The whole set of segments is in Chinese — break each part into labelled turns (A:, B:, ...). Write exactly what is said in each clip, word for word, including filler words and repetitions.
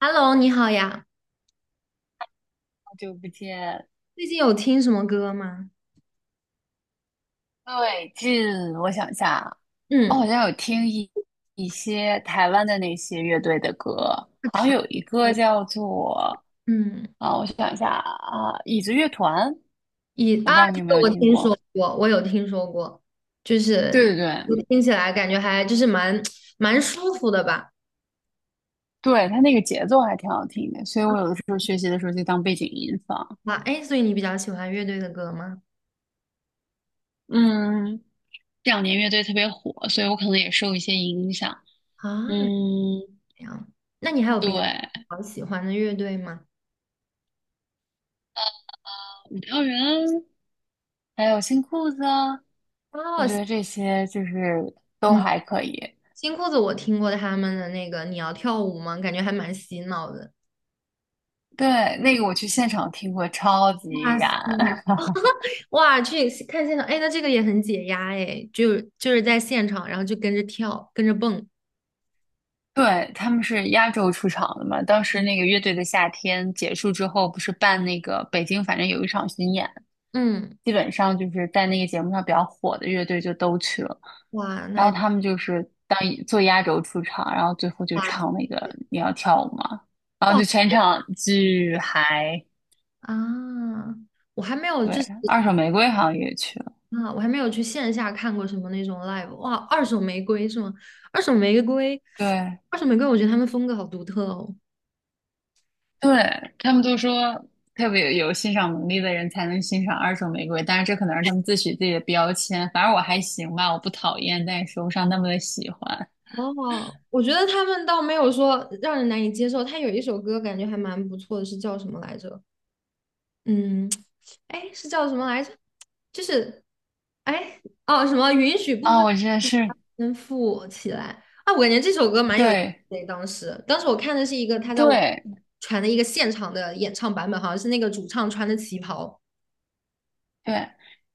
A: Hello，你好呀，
B: 好久不见。
A: 最近有听什么歌吗？
B: 最近我想一下，我好
A: 嗯，
B: 像有听一一些台湾的那些乐队的歌。
A: 是
B: 好像
A: 台
B: 有一个
A: 歌。
B: 叫做，
A: 嗯，
B: 啊，我想一下啊，椅子乐团。
A: 以
B: 我
A: 啊，
B: 不知道你
A: 这
B: 有没
A: 个
B: 有
A: 我
B: 听
A: 听说
B: 过？
A: 过，我有听说过，就是
B: 对对对。
A: 我听起来感觉还就是蛮蛮舒服的吧。
B: 对，它那个节奏还挺好听的，所以我有的时候学习的时候就当背景音放。
A: 啊，哎，所以你比较喜欢乐队的歌吗？
B: 嗯。这两年乐队特别火，所以我可能也受一些影响。
A: 啊，
B: 嗯。
A: 这样，那你还有别的
B: 对。
A: 好喜欢的乐队吗？
B: 五条人，还有新裤子啊，我
A: 哦，
B: 觉得这些就是都
A: 嗯，
B: 还可以。
A: 新裤子我听过他们的那个《你要跳舞吗》，感觉还蛮洗脑的。
B: 对，那个我去现场听过，超级
A: 哇
B: 燃。
A: 塞！哇，去看现场，哎，那这个也很解压，哎，就就是在现场，然后就跟着跳，跟着蹦。
B: 对，他们是压轴出场的嘛，当时那个乐队的夏天结束之后，不是办那个北京，反正有一场巡演，
A: 嗯，
B: 基本上就是在那个节目上比较火的乐队就都去了，
A: 哇，那
B: 然后
A: 还
B: 他们就是当做压轴出场，然后最后就
A: 哇
B: 唱那个《你要跳舞吗》？然后
A: 哇
B: 就全场巨嗨。
A: 啊，我还没有就
B: 对，
A: 是
B: 二手玫瑰好像也去了。
A: 啊，我还没有去线下看过什么那种 live。哇，二手玫瑰是吗？二手玫瑰，
B: 对
A: 二手玫瑰，我觉得他们风格好独特哦。
B: 对，他们都说特别有欣赏能力的人才能欣赏二手玫瑰，但是这可能是他们自诩自己的标签。反正我还行吧，我不讨厌，但也说不上那么的喜欢。
A: 哦，我觉得他们倒没有说让人难以接受，他有一首歌感觉还蛮不错的，是叫什么来着？嗯，哎，是叫什么来着？就是，哎，哦，什么允许部
B: 啊，
A: 分
B: 我觉得是。
A: 先富起来啊？我感觉这首歌蛮有意
B: 对
A: 思的。当时，当时我看的是一个他在网
B: 对。
A: 传的一个现场的演唱版本，好像是那个主唱穿的旗袍。
B: 对，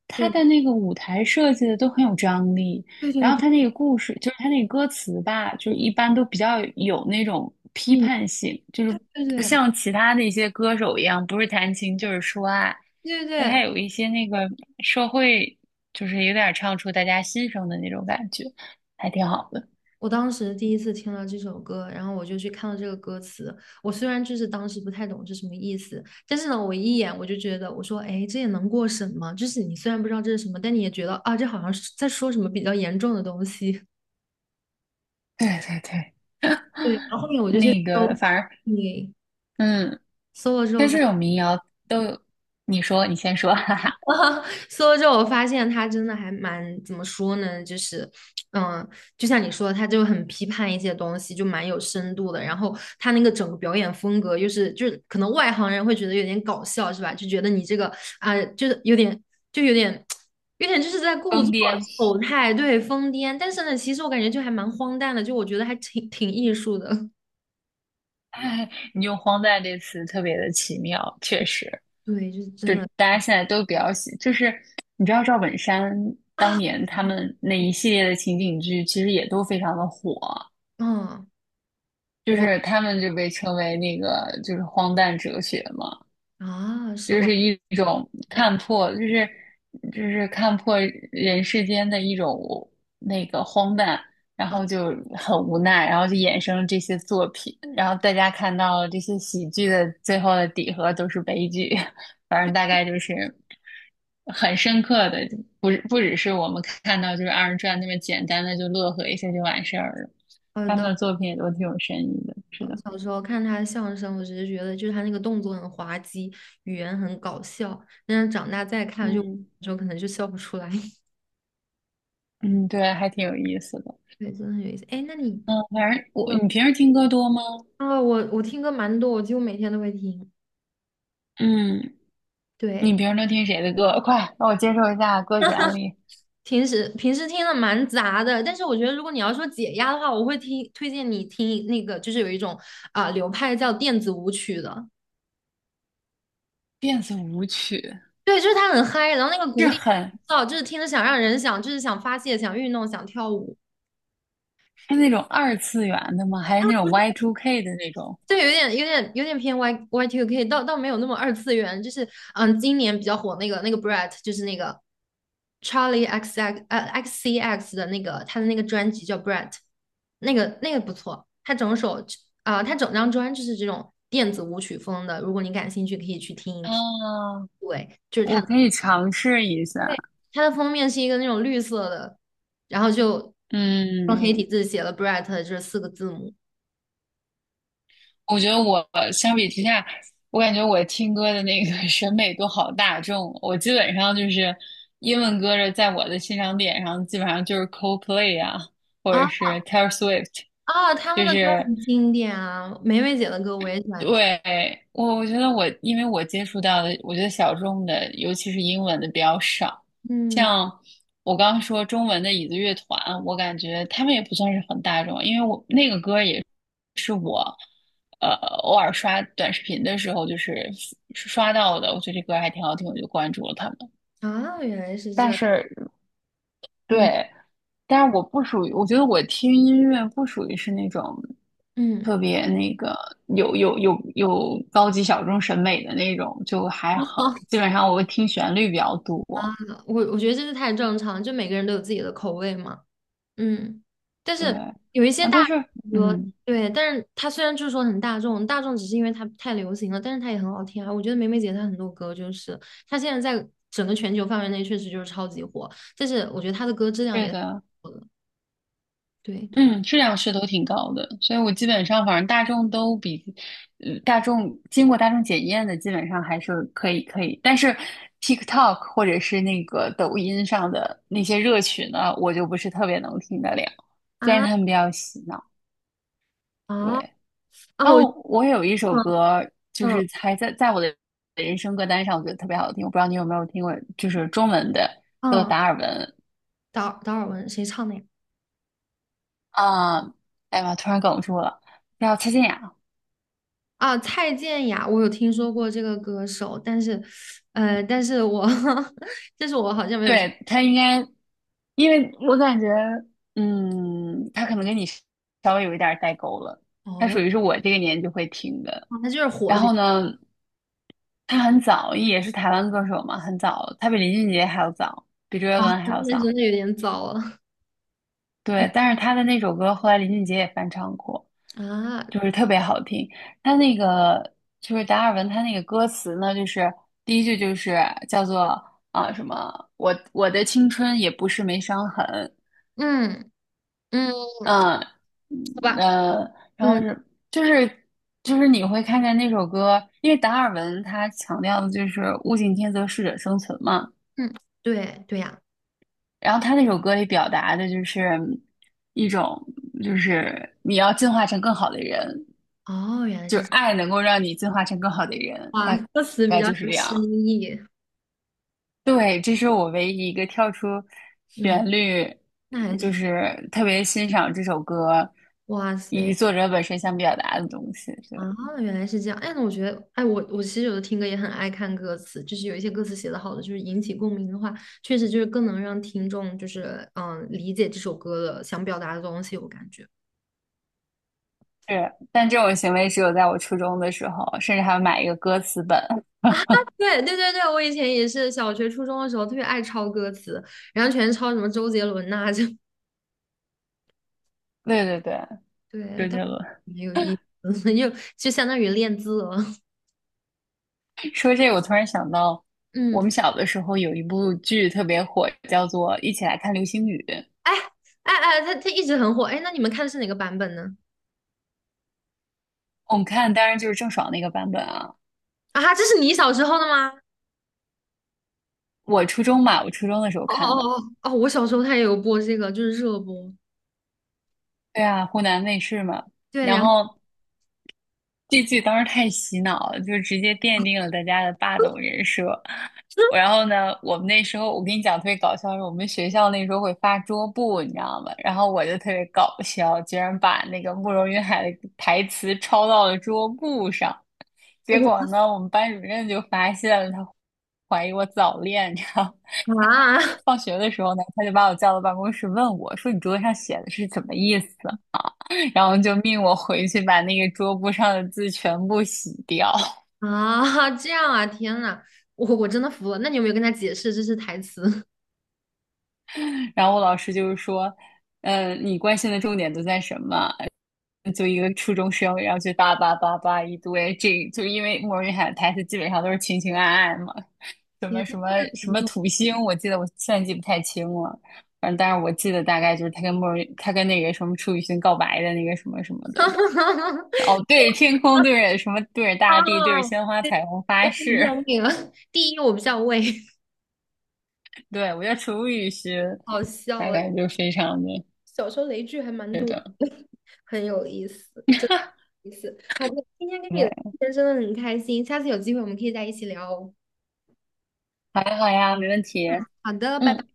B: 他
A: 对，
B: 的那个舞台设计的都很有张力，
A: 对
B: 然
A: 对
B: 后
A: 对，
B: 他那个故事，就是他那个歌词吧，就是一般都比较有那种批
A: 嗯，
B: 判性，就是
A: 对对
B: 不
A: 对
B: 像其他的一些歌手一样，不是弹琴就是说爱。
A: 对
B: 但
A: 对。
B: 他有一些那个社会，就是有点唱出大家心声的那种感觉，还挺好的。
A: 我当时第一次听了这首歌，然后我就去看了这个歌词。我虽然就是当时不太懂是什么意思，但是呢，我一眼我就觉得，我说，哎，这也能过审吗？就是你虽然不知道这是什么，但你也觉得啊，这好像是在说什么比较严重的东西。
B: 对对对。
A: 对，然后后面我就去
B: 那
A: 搜，
B: 个反而，
A: 对，
B: 嗯，
A: 搜了之后。
B: 但
A: 发
B: 这种民谣都有。你说，你先说。哈哈，
A: 搜了之后，我发现他真的还蛮怎么说呢？就是，嗯，就像你说的，他就很批判一些东西，就蛮有深度的。然后他那个整个表演风格，又是就是可能外行人会觉得有点搞笑，是吧？就觉得你这个啊、就是有点就有点有点就是在故作
B: 疯癫。
A: 丑态，对，疯癫。但是呢，其实我感觉就还蛮荒诞的，就我觉得还挺挺艺术的。
B: 你用"荒诞"这词特别的奇妙，确实。
A: 对，就是真
B: 就
A: 的
B: 大家现在都比较喜，就是你知道赵本山当
A: 啊，
B: 年他们那一系列的情景剧，其实也都非常的火，
A: 嗯，
B: 就
A: 我
B: 是他们就被称为那个就是荒诞哲学嘛。
A: 啊，是
B: 就
A: 我。
B: 是一种看破，就是就是看破人世间的一种那个荒诞，然后就很无奈，然后就衍生了这些作品，然后大家看到了这些喜剧的最后的底核都是悲剧。反正大概就是很深刻的，不不只是我们看到就是二人转那么简单的就乐呵一下就完事儿了，
A: 好
B: 他们
A: 的。
B: 的作品也都挺有深意的，是
A: 我
B: 的。
A: 小时候看他的相声，我只是觉得就是他那个动作很滑稽，语言很搞笑。但是长大再看就，有
B: 嗯
A: 时候可能就笑不出来。
B: 嗯。对，还挺有意思的。
A: 对，真的很有意思。哎，那你
B: 嗯，反正我，你平时听歌多吗？
A: 啊，我我听歌蛮多，我几乎每天都会听。
B: 嗯。你
A: 对，
B: 平时都听谁的歌？快让我接受一下歌曲案例。
A: 平时平时听的蛮杂的，但是我觉得如果你要说解压的话，我会听推荐你听那个，就是有一种啊、流派叫电子舞曲的。
B: 电子舞曲
A: 对，就是它很嗨，然后那个
B: 是
A: 鼓点，
B: 很
A: 哦，就是听着想让人想，就是想发泄、想运动、想跳舞。
B: 是那种二次元的吗？还是那种 y Two k 的那种？
A: 对，有点有点有点偏 Y Y Two K，倒倒没有那么二次元，就是嗯，今年比较火那个那个 Brett，就是那个 Charlie X X 呃 X C X 的那个他的那个专辑叫 Brett，那个那个不错，他整首啊、呃他整张专就是这种电子舞曲风的，如果你感兴趣可以去听一听。
B: 啊，
A: 对，就是
B: 我
A: 他
B: 可以尝试一下。
A: 他的封面是一个那种绿色的，然后就用
B: 嗯，
A: 黑体字写了 Brett 这四个字母。
B: 我觉得我相比之下，我感觉我听歌的那个 审美都好大众。我基本上就是英文歌的，在我的欣赏点上，基本上就是 Coldplay 啊，或
A: 啊、
B: 者是 Taylor Swift。
A: 啊，他们
B: 就
A: 的歌
B: 是
A: 很经典啊，梅梅姐的歌我也喜欢听。
B: 对，我我觉得我，因为我接触到的，我觉得小众的，尤其是英文的比较少。
A: 嗯，
B: 像我刚刚说中文的椅子乐团，我感觉他们也不算是很大众，因为我那个歌也是我，呃，偶尔刷短视频的时候就是刷到的，我觉得这歌还挺好听，我就关注了他们。
A: 啊，原来是这
B: 但
A: 样。
B: 是
A: 嗯
B: 对，但是我不属于，我觉得我听音乐不属于是那种
A: 嗯，
B: 特别那个有有有有高级小众审美的那种，就还好。基 本上我会听旋律比较多。
A: 我我觉得这是太正常了就每个人都有自己的口味嘛。嗯，但
B: 对。
A: 是
B: 啊，
A: 有一些大
B: 但是
A: 众歌，
B: 嗯，
A: 对，但是它虽然就是说很大众，大众只是因为它太流行了，但是它也很好听啊。我觉得梅梅姐她很多歌就是，她现在在整个全球范围内确实就是超级火，但是我觉得她的歌质量
B: 对
A: 也
B: 的，
A: 对
B: 嗯，质量是都挺高的，所以我基本上反正大众都比，嗯，大众经过大众检验的基本上还是可以可以，但是 TikTok 或者是那个抖音上的那些热曲呢，我就不是特别能听得了，虽然他
A: 啊
B: 们比较洗脑。对，
A: 啊啊，
B: 然
A: 我
B: 后我有一首
A: 嗯
B: 歌，就
A: 嗯
B: 是还在在我的人生歌单上，我觉得特别好听，我不知道你有没有听过，就是中文的，叫做《
A: 嗯。
B: 达尔文》。
A: 达达尔文谁唱的呀？
B: 啊，哎呀妈，突然哽住了，叫蔡健雅。
A: 啊，蔡健雅，我有听说过这个歌手，但是，呃，但是我，但是我好像没有听。
B: 对，他应该，因为我感觉，嗯，他可能跟你稍微有一点儿代沟了。他属
A: 哦，
B: 于是我这个年纪会听的。
A: 啊他就是火的
B: 然
A: 比
B: 后
A: 较
B: 呢，他很早，也是台湾歌手嘛，很早，他比林俊杰还要早，比周
A: 快，
B: 杰伦还
A: 那
B: 要早。
A: 真的有点早了。嗯
B: 对，但是他的那首歌后来林俊杰也翻唱过，
A: 啊，
B: 就是特别好听。他那个就是达尔文，他那个歌词呢，就是第一句就是叫做啊什么，我我的青春也不是没伤痕。
A: 嗯嗯，
B: 呃
A: 好
B: 嗯，
A: 吧，
B: 呃，然后
A: 嗯
B: 是就是就是你会看见那首歌，因为达尔文他强调的就是物竞天择，适者生存嘛。
A: 嗯，对对呀、
B: 然后他那首歌里表达的就是一种，就是你要进化成更好的人，
A: 哦，原来
B: 就
A: 是
B: 是
A: 这样，
B: 爱能够让你进化成更好的人，
A: 哇，
B: 大
A: 歌词比
B: 概
A: 较
B: 就是
A: 有
B: 这
A: 深
B: 样。
A: 意，
B: 对，这是我唯一一个跳出
A: 嗯，
B: 旋律，
A: 那还
B: 就
A: 挺，
B: 是特别欣赏这首歌
A: 哇
B: 以及
A: 塞，
B: 作者本身想表达的东西。
A: 啊，
B: 对。
A: 原来是这样。哎，那我觉得，哎，我我其实有的听歌也很爱看歌词，就是有一些歌词写的好的，就是引起共鸣的话，确实就是更能让听众就是嗯理解这首歌的想表达的东西，我感觉。
B: 是，但这种行为只有在我初中的时候，甚至还要买一个歌词本。
A: 对对对对，我以前也是小学初中的时候特别爱抄歌词，然后全是抄什么周杰伦呐、就
B: 对对对，
A: 对，
B: 周
A: 但
B: 杰
A: 我
B: 伦。
A: 没有意思，就就相当于练字了。
B: 说这个，我突然想到，我
A: 嗯，
B: 们小的时候有一部剧特别火，叫做《一起来看流星雨》。
A: 哎哎哎，他他一直很火。哎，那你们看的是哪个版本呢？
B: 我们看，当然就是郑爽那个版本啊。
A: 啊，这是你小时候的吗？
B: 我初中嘛，我初中的时候
A: 哦
B: 看的。
A: 哦哦哦！我小时候他也有播这个，就是热播。
B: 对啊，湖南卫视嘛。
A: 对，
B: 然
A: 然后
B: 后这剧当时太洗脑了，就直接奠定了大家的霸总人设。我然后呢，我们那时候我跟你讲特别搞笑，是我们学校那时候会发桌布，你知道吗？然后我就特别搞笑，居然把那个慕容云海的台词抄到了桌布上。
A: 我
B: 结
A: 就
B: 果呢，我们班主任就发现了，他怀疑我早恋，你知道吗？ 然后
A: 啊
B: 放 学的时候呢，他就把我叫到办公室问我说："你桌子上写的是什么意思？" 然后就命我回去把那个桌布上的字全部洗掉。
A: 啊，这样啊！天呐，我我真的服了。那你有没有跟他解释这是台词？
B: 然后我老师就是说。嗯，你关心的重点都在什么？就一个初中生，然后就叭叭叭叭一堆，这就因为莫文蔚喊的台词基本上都是情情爱爱嘛，什
A: 天
B: 么
A: 呐，
B: 什么什么土星，我记得我现在记不太清了，反正但是我记得大概就是他跟莫文蔚，他跟那个什么楚雨荨告白的那个什么什么的，哦，对着天空，对着什么，对着
A: 哈！
B: 大地，对着鲜花
A: 对，
B: 彩虹
A: 我
B: 发
A: 不认
B: 誓。
A: 那了。第一，我比较畏，
B: 对，我叫楚雨荨，
A: 好笑
B: 大
A: 啊！
B: 概就非常的
A: 小时候雷剧还蛮
B: 对
A: 多的，
B: 的，
A: 很有意思。意思好的，今天跟你聊
B: 对，
A: 天真的很开心，下次有机会我们可以再一起聊哦。
B: 好呀好呀，没问题，
A: 好的，拜拜。
B: 嗯。